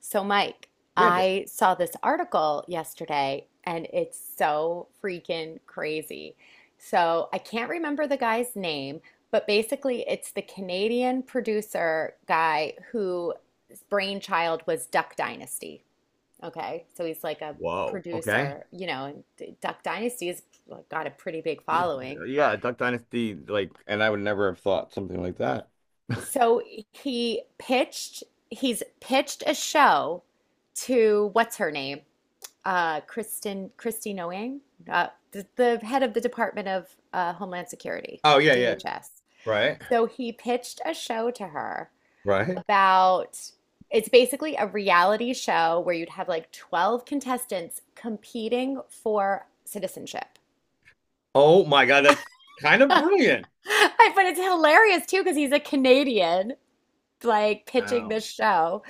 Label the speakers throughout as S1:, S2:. S1: So, Mike,
S2: Yeah, Jay.
S1: I saw this article yesterday and it's so freaking crazy. So, I can't remember the guy's name, but basically, it's the Canadian producer guy whose brainchild was Duck Dynasty. Okay. So, he's like a
S2: Whoa. Okay.
S1: producer, and Duck Dynasty has, like, got a pretty big following.
S2: Yeah, Duck Dynasty, like, and I would never have thought something like that.
S1: So, he pitched, he's pitched a show to what's her name? Kristen Christy Noang, the head of the Department of Homeland Security,
S2: Oh yeah, yeah.
S1: DHS.
S2: Right.
S1: So he pitched a show to her
S2: Right.
S1: about it's basically a reality show where you'd have like 12 contestants competing for citizenship.
S2: Oh my God, that's kind of brilliant.
S1: I- But it's hilarious too because he's a Canadian like pitching
S2: Wow.
S1: this show.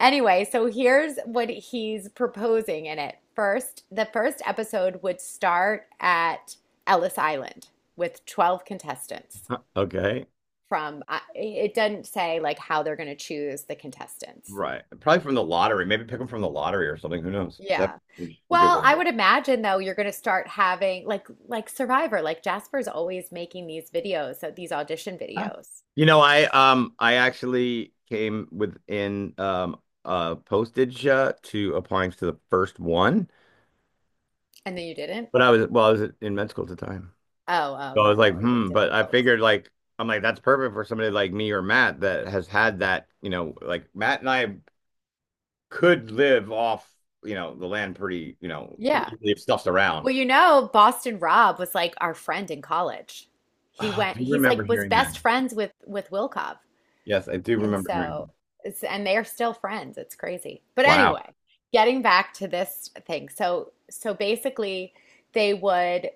S1: Anyway, so here's what he's proposing in it. The first episode would start at Ellis Island with 12 contestants
S2: Huh, okay.
S1: it doesn't say like how they're going to choose the contestants.
S2: Right. Probably from the lottery. Maybe pick them from the lottery or something. Who knows? That's
S1: Yeah.
S2: a good way
S1: Well,
S2: to
S1: I
S2: do it.
S1: would imagine though you're going to start having like Survivor, like Jasper's always making these videos, so these audition
S2: Huh.
S1: videos.
S2: You know, I actually came within postage to applying to the first one,
S1: And then you didn't?
S2: but I was in med school at the time.
S1: Oh, oh
S2: So I was
S1: yeah,
S2: like,
S1: that would have been
S2: hmm, but I
S1: difficult.
S2: figured like I'm like that's perfect for somebody like me or Matt that has had that, you know, like Matt and I could live off, you know, the land pretty, you know,
S1: Yeah.
S2: pretty easily if stuff's around.
S1: Well, you know, Boston Rob was like our friend in college.
S2: Ah, I do
S1: He's
S2: remember
S1: like was
S2: hearing that.
S1: best friends with Wilkov.
S2: Yes, I do
S1: And
S2: remember
S1: so
S2: hearing.
S1: it's and they're still friends. It's crazy. But
S2: Wow,
S1: anyway, getting back to this thing. So basically they would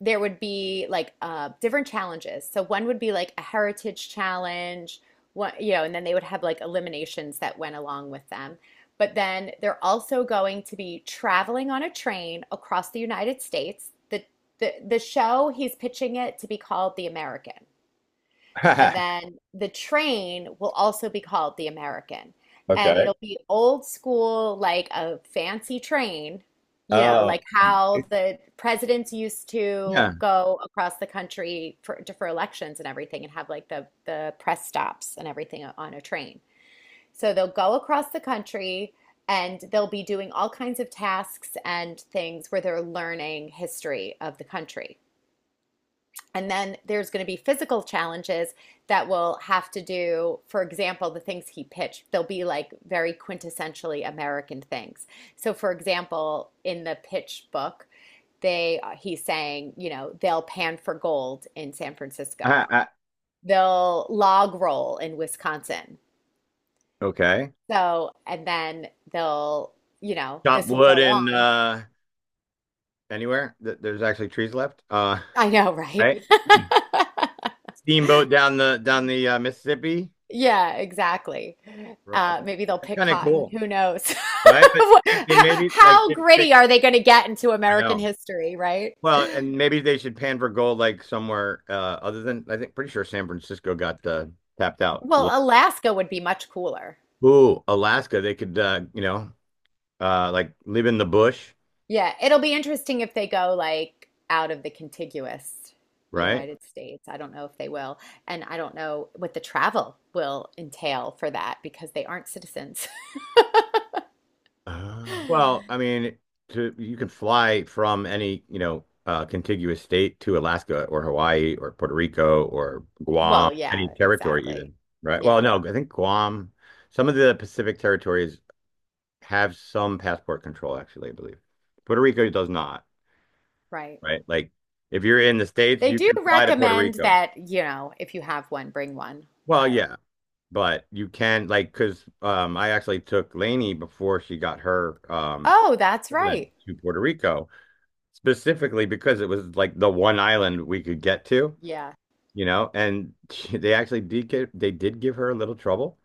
S1: there would be like different challenges. So one would be like a heritage challenge, one, you know, and then they would have like eliminations that went along with them. But then they're also going to be traveling on a train across the United States. The show he's pitching it to be called The American. And
S2: that.
S1: then the train will also be called the American. And
S2: Okay.
S1: it'll be old school, like a fancy train, you know, like
S2: Oh,
S1: how
S2: it's,
S1: the presidents used to
S2: yeah.
S1: go across the country for elections and everything and have like the press stops and everything on a train. So they'll go across the country and they'll be doing all kinds of tasks and things where they're learning history of the country. And then there's going to be physical challenges that will have to do, for example, the things he pitched. They'll be like very quintessentially American things. So, for example, in the pitch book, they he's saying, you know, they'll pan for gold in San Francisco.
S2: I,
S1: They'll log roll in Wisconsin.
S2: okay.
S1: So, and then you know,
S2: Chop
S1: this will
S2: wood
S1: go
S2: and
S1: on.
S2: anywhere that there's actually trees left.
S1: I know, right?
S2: Right. Steamboat down the Mississippi.
S1: Yeah, exactly.
S2: Right.
S1: Maybe they'll
S2: That's
S1: pick
S2: kind of
S1: cotton.
S2: cool,
S1: Who knows?
S2: right? But
S1: What-
S2: they,
S1: h-
S2: they maybe like
S1: How
S2: should pick.
S1: gritty are they going to get into
S2: I
S1: American
S2: know.
S1: history, right?
S2: Well, and maybe they should pan for gold like somewhere other than I think pretty sure San Francisco got tapped out.
S1: Well, Alaska would be much cooler.
S2: Ooh, Alaska. They could you know like live in the bush,
S1: Yeah, it'll be interesting if they go like out of the contiguous
S2: right?
S1: United States. I don't know if they will. And I don't know what the travel will entail for that because they aren't citizens.
S2: Well, I mean, to you can fly from any you know contiguous state to Alaska or Hawaii or Puerto Rico or Guam,
S1: Well,
S2: any
S1: yeah,
S2: territory
S1: exactly.
S2: even, right? Well,
S1: Yeah,
S2: no, I think Guam. Some of the Pacific territories have some passport control, actually, I believe. Puerto Rico does not,
S1: right.
S2: right? Like, if you're in the States,
S1: They
S2: you
S1: do
S2: can fly to Puerto
S1: recommend
S2: Rico.
S1: that, you know, if you have one, bring one.
S2: Well,
S1: But
S2: yeah, but you can, like, because I actually took Lainey before she got her
S1: oh, that's
S2: president
S1: right.
S2: to Puerto Rico, specifically because it was like the one island we could get to,
S1: Yeah.
S2: you know, and she, they actually did get, they did give her a little trouble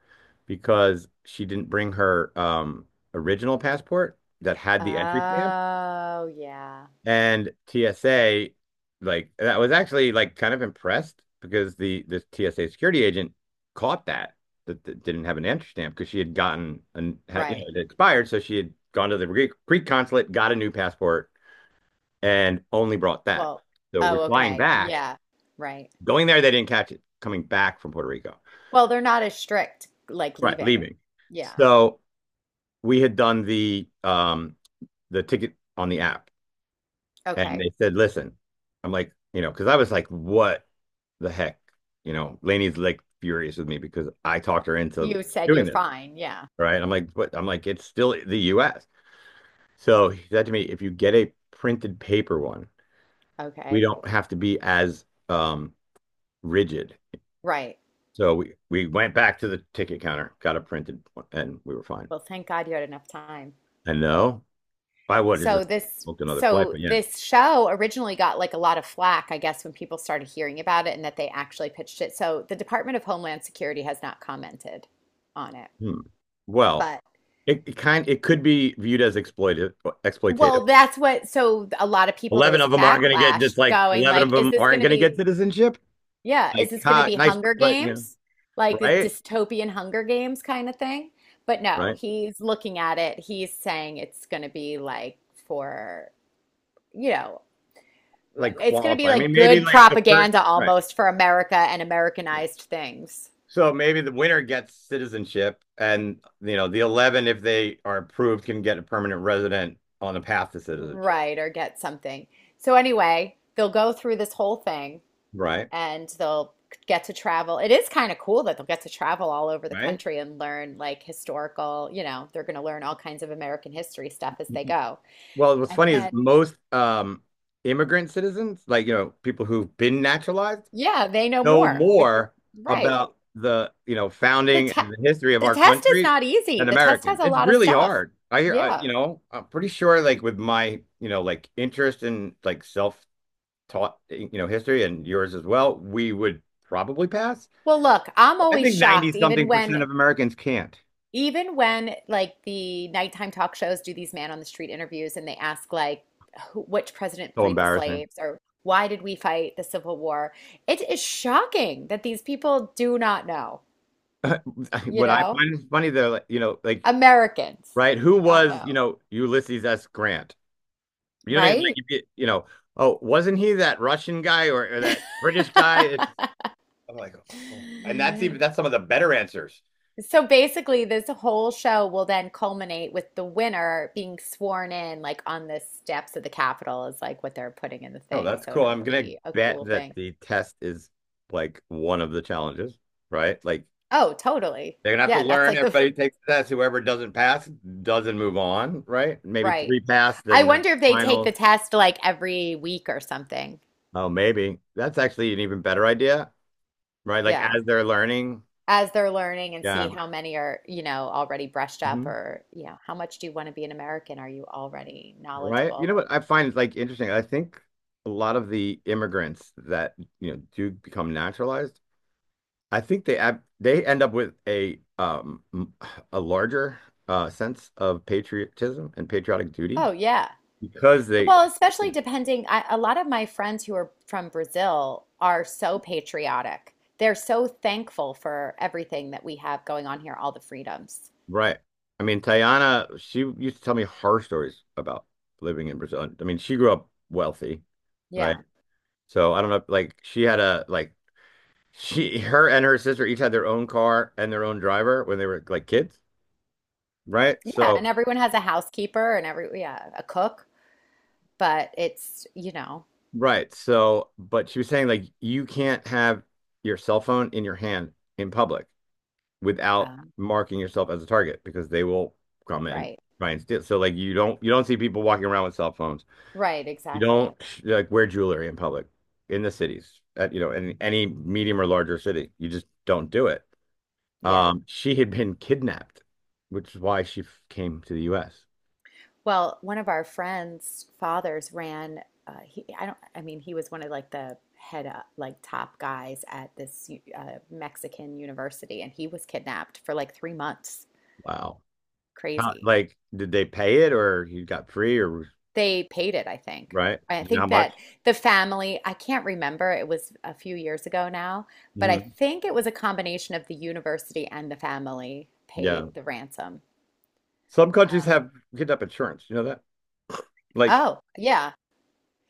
S2: because she didn't bring her original passport that had the entry stamp.
S1: Oh, yeah.
S2: And TSA, like that was actually like kind of impressed because the TSA security agent caught that didn't have an entry stamp because she had gotten and had you know
S1: Right.
S2: it expired, so she had gone to the Greek consulate, got a new passport, and only brought that.
S1: Well,
S2: So we're
S1: oh,
S2: flying
S1: okay.
S2: back,
S1: Yeah. Right.
S2: going there, they didn't catch it. Coming back from Puerto Rico,
S1: Well, they're not as strict like
S2: right,
S1: leaving.
S2: leaving.
S1: Yeah.
S2: So we had done the ticket on the app, and
S1: Okay.
S2: they said, "Listen." I'm like, you know, because I was like, "What the heck?" You know, Lainey's like furious with me because I talked her into
S1: You said
S2: doing
S1: you're
S2: this,
S1: fine. Yeah.
S2: right? I'm like, "What?" I'm like, "It's still the U.S." So he said to me, "If you get a printed paper one, we
S1: Okay.
S2: don't have to be as rigid."
S1: Right.
S2: So we went back to the ticket counter, got a printed one, and we were fine.
S1: Well, thank God you had enough time.
S2: And no, I would have
S1: So
S2: just
S1: this
S2: booked another flight,
S1: so
S2: but yeah.
S1: this show originally got like a lot of flack, I guess, when people started hearing about it and that they actually pitched it. So the Department of Homeland Security has not commented on it.
S2: Hmm. Well,
S1: But
S2: it kind it could be viewed as exploitive exploitative.
S1: well, that's what so a lot of people there
S2: Eleven
S1: was a
S2: of them aren't going to get.
S1: backlash
S2: It's like
S1: going
S2: 11 of
S1: like, is
S2: them
S1: this
S2: aren't
S1: going to
S2: going to get
S1: be
S2: citizenship.
S1: yeah, is
S2: Like,
S1: this going to
S2: ha,
S1: be
S2: nice,
S1: Hunger
S2: but you know,
S1: Games? Like the
S2: right,
S1: dystopian Hunger Games kind of thing? But no,
S2: right.
S1: he's looking at it. He's saying it's going to be like for, you know,
S2: Like
S1: it's going to
S2: qualify.
S1: be
S2: I mean,
S1: like
S2: maybe
S1: good
S2: like the first,
S1: propaganda
S2: right.
S1: almost for America and
S2: Yeah.
S1: Americanized things.
S2: So maybe the winner gets citizenship, and you know, the 11, if they are approved, can get a permanent resident on the path to citizenship.
S1: Right, or get something. So anyway, they'll go through this whole thing
S2: Right,
S1: and they'll get to travel. It is kind of cool that they'll get to travel all over the
S2: right.
S1: country and learn like historical, you know, they're going to learn all kinds of American history stuff as they go.
S2: Well, what's
S1: And
S2: funny is
S1: then,
S2: most immigrant citizens, like you know, people who've been naturalized,
S1: yeah, they know
S2: know
S1: more.
S2: more
S1: Right.
S2: about the you know
S1: The
S2: founding
S1: te
S2: and the history of
S1: the
S2: our
S1: test is
S2: country
S1: not easy.
S2: than
S1: The test
S2: Americans.
S1: has a
S2: It's
S1: lot of
S2: really
S1: stuff.
S2: hard.
S1: Yeah.
S2: You know, I'm pretty sure like with my you know like interest in like self-taught you know history and yours as well, we would probably pass.
S1: Well, look, I'm
S2: I
S1: always
S2: think 90
S1: shocked, even
S2: something
S1: when
S2: percent of Americans can't.
S1: even when like the nighttime talk shows do these man on the street interviews and they ask like who, which president
S2: So
S1: freed the
S2: embarrassing.
S1: slaves or why did we fight the Civil War? It is shocking that these people do not know, you
S2: What I
S1: know?
S2: find is funny though, like, you know, like
S1: Americans
S2: right? Who
S1: do not
S2: was, you
S1: know,
S2: know, Ulysses S. Grant? You know, like
S1: right?
S2: if you, you know, oh, wasn't he that Russian guy or that British guy? It's, I'm like, oh, and that's even that's some of the better answers.
S1: So basically, this whole show will then culminate with the winner being sworn in, like on the steps of the Capitol, is like what they're putting in the
S2: Oh,
S1: thing.
S2: that's
S1: So
S2: cool.
S1: it'll
S2: I'm gonna
S1: be a
S2: bet
S1: cool
S2: that
S1: thing.
S2: the test is like one of the challenges, right? Like
S1: Oh, totally.
S2: they're gonna have to
S1: Yeah, that's
S2: learn.
S1: like the
S2: Everybody takes the test. Whoever doesn't pass doesn't move on, right? Maybe
S1: right.
S2: three pass,
S1: I
S2: then that's
S1: wonder if they take the
S2: finals.
S1: test like every week or something.
S2: Oh, maybe that's actually an even better idea, right? Like
S1: Yeah.
S2: as they're learning,
S1: As they're learning and see
S2: yeah.
S1: how many are, you know, already brushed up
S2: Mhm.
S1: or, you know, how much do you want to be an American? Are you already
S2: Right. You
S1: knowledgeable?
S2: know what I find is like interesting. I think a lot of the immigrants that, you know, do become naturalized, I think they end up with a a larger sense of patriotism and patriotic duty
S1: Oh, yeah.
S2: because they
S1: Well, especially depending, I, a lot of my friends who are from Brazil are so patriotic. They're so thankful for everything that we have going on here, all the freedoms.
S2: right. I mean, Tayana, she used to tell me horror stories about living in Brazil. I mean, she grew up wealthy, right?
S1: Yeah.
S2: So I don't know, like she had a like she her and her sister each had their own car and their own driver when they were like kids. Right?
S1: Yeah, and
S2: So,
S1: everyone has a housekeeper and every yeah, a cook. But it's, you know,
S2: right. So, but she was saying like you can't have your cell phone in your hand in public without
S1: um,
S2: marking yourself as a target because they will come and
S1: right,
S2: try and steal. So like you don't see people walking around with cell phones.
S1: right,
S2: You
S1: exactly.
S2: don't like wear jewelry in public in the cities at you know in any medium or larger city. You just don't do it.
S1: Yeah.
S2: She had been kidnapped, which is why came to the US.
S1: Well, one of our friends' fathers ran, I don't, I mean, he was one of like the head up, like top guys at this Mexican university, and he was kidnapped for like 3 months.
S2: Wow. How,
S1: Crazy.
S2: like, did they pay it or he got free or
S1: They paid it, I think.
S2: right.
S1: I
S2: You know how
S1: think
S2: much?
S1: that the family, I can't remember, it was a few years ago now, but I
S2: Mhm.
S1: think it was a combination of the university and the family paid
S2: Yeah.
S1: the ransom.
S2: Some countries
S1: Um,
S2: have kidnap insurance. You know that? Like,
S1: Oh, yeah.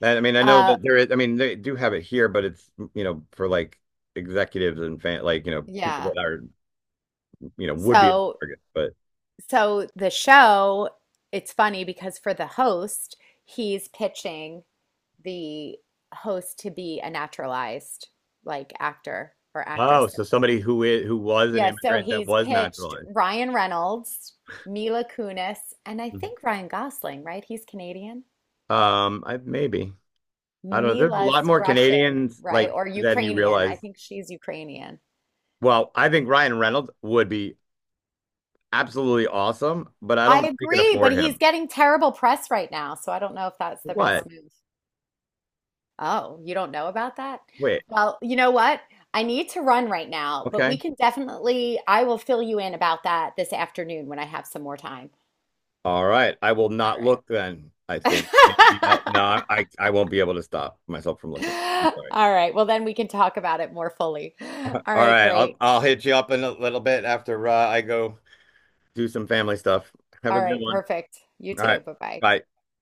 S2: I mean, I know
S1: Uh,
S2: that there is, I mean, they do have it here, but it's, you know, for like executives and fan, like, you know, people
S1: yeah.
S2: that are, you know, would be a
S1: So,
S2: target. But
S1: so, the show, it's funny because for the host, he's pitching the host to be a naturalized like actor or
S2: oh,
S1: actress. So
S2: so
S1: he's-
S2: somebody who is, who was an
S1: yeah, so
S2: immigrant that
S1: he's
S2: was
S1: pitched
S2: naturalized.
S1: Ryan Reynolds, Mila Kunis, and I
S2: Mhm.
S1: think Ryan Gosling, right? He's Canadian.
S2: I maybe. I don't know. There's a lot
S1: Mila's
S2: more
S1: Russian,
S2: Canadians
S1: right?
S2: like
S1: Or
S2: than you
S1: Ukrainian. I
S2: realize.
S1: think she's Ukrainian.
S2: Well, I think Ryan Reynolds would be absolutely awesome, but I
S1: I
S2: don't think we can
S1: agree, but
S2: afford
S1: he's
S2: him.
S1: getting terrible press right now, so I don't know if that's the best
S2: What?
S1: move. Oh, you don't know about that?
S2: Wait.
S1: Well, you know what? I need to run right now, but we
S2: Okay.
S1: can definitely, I will fill you in about that this afternoon when I have some more time.
S2: All right. I will
S1: All
S2: not look then, I think. Maybe
S1: right.
S2: no, no, I won't be able to stop myself from looking. I'm
S1: All
S2: sorry.
S1: right. Well, then we can talk about it more fully.
S2: All
S1: All right,
S2: right. I'll
S1: great.
S2: I'll hit you up in a little bit after I go do some family stuff. Have a
S1: All
S2: good
S1: right,
S2: one.
S1: perfect. You
S2: All right.
S1: too. Bye-bye.
S2: Bye.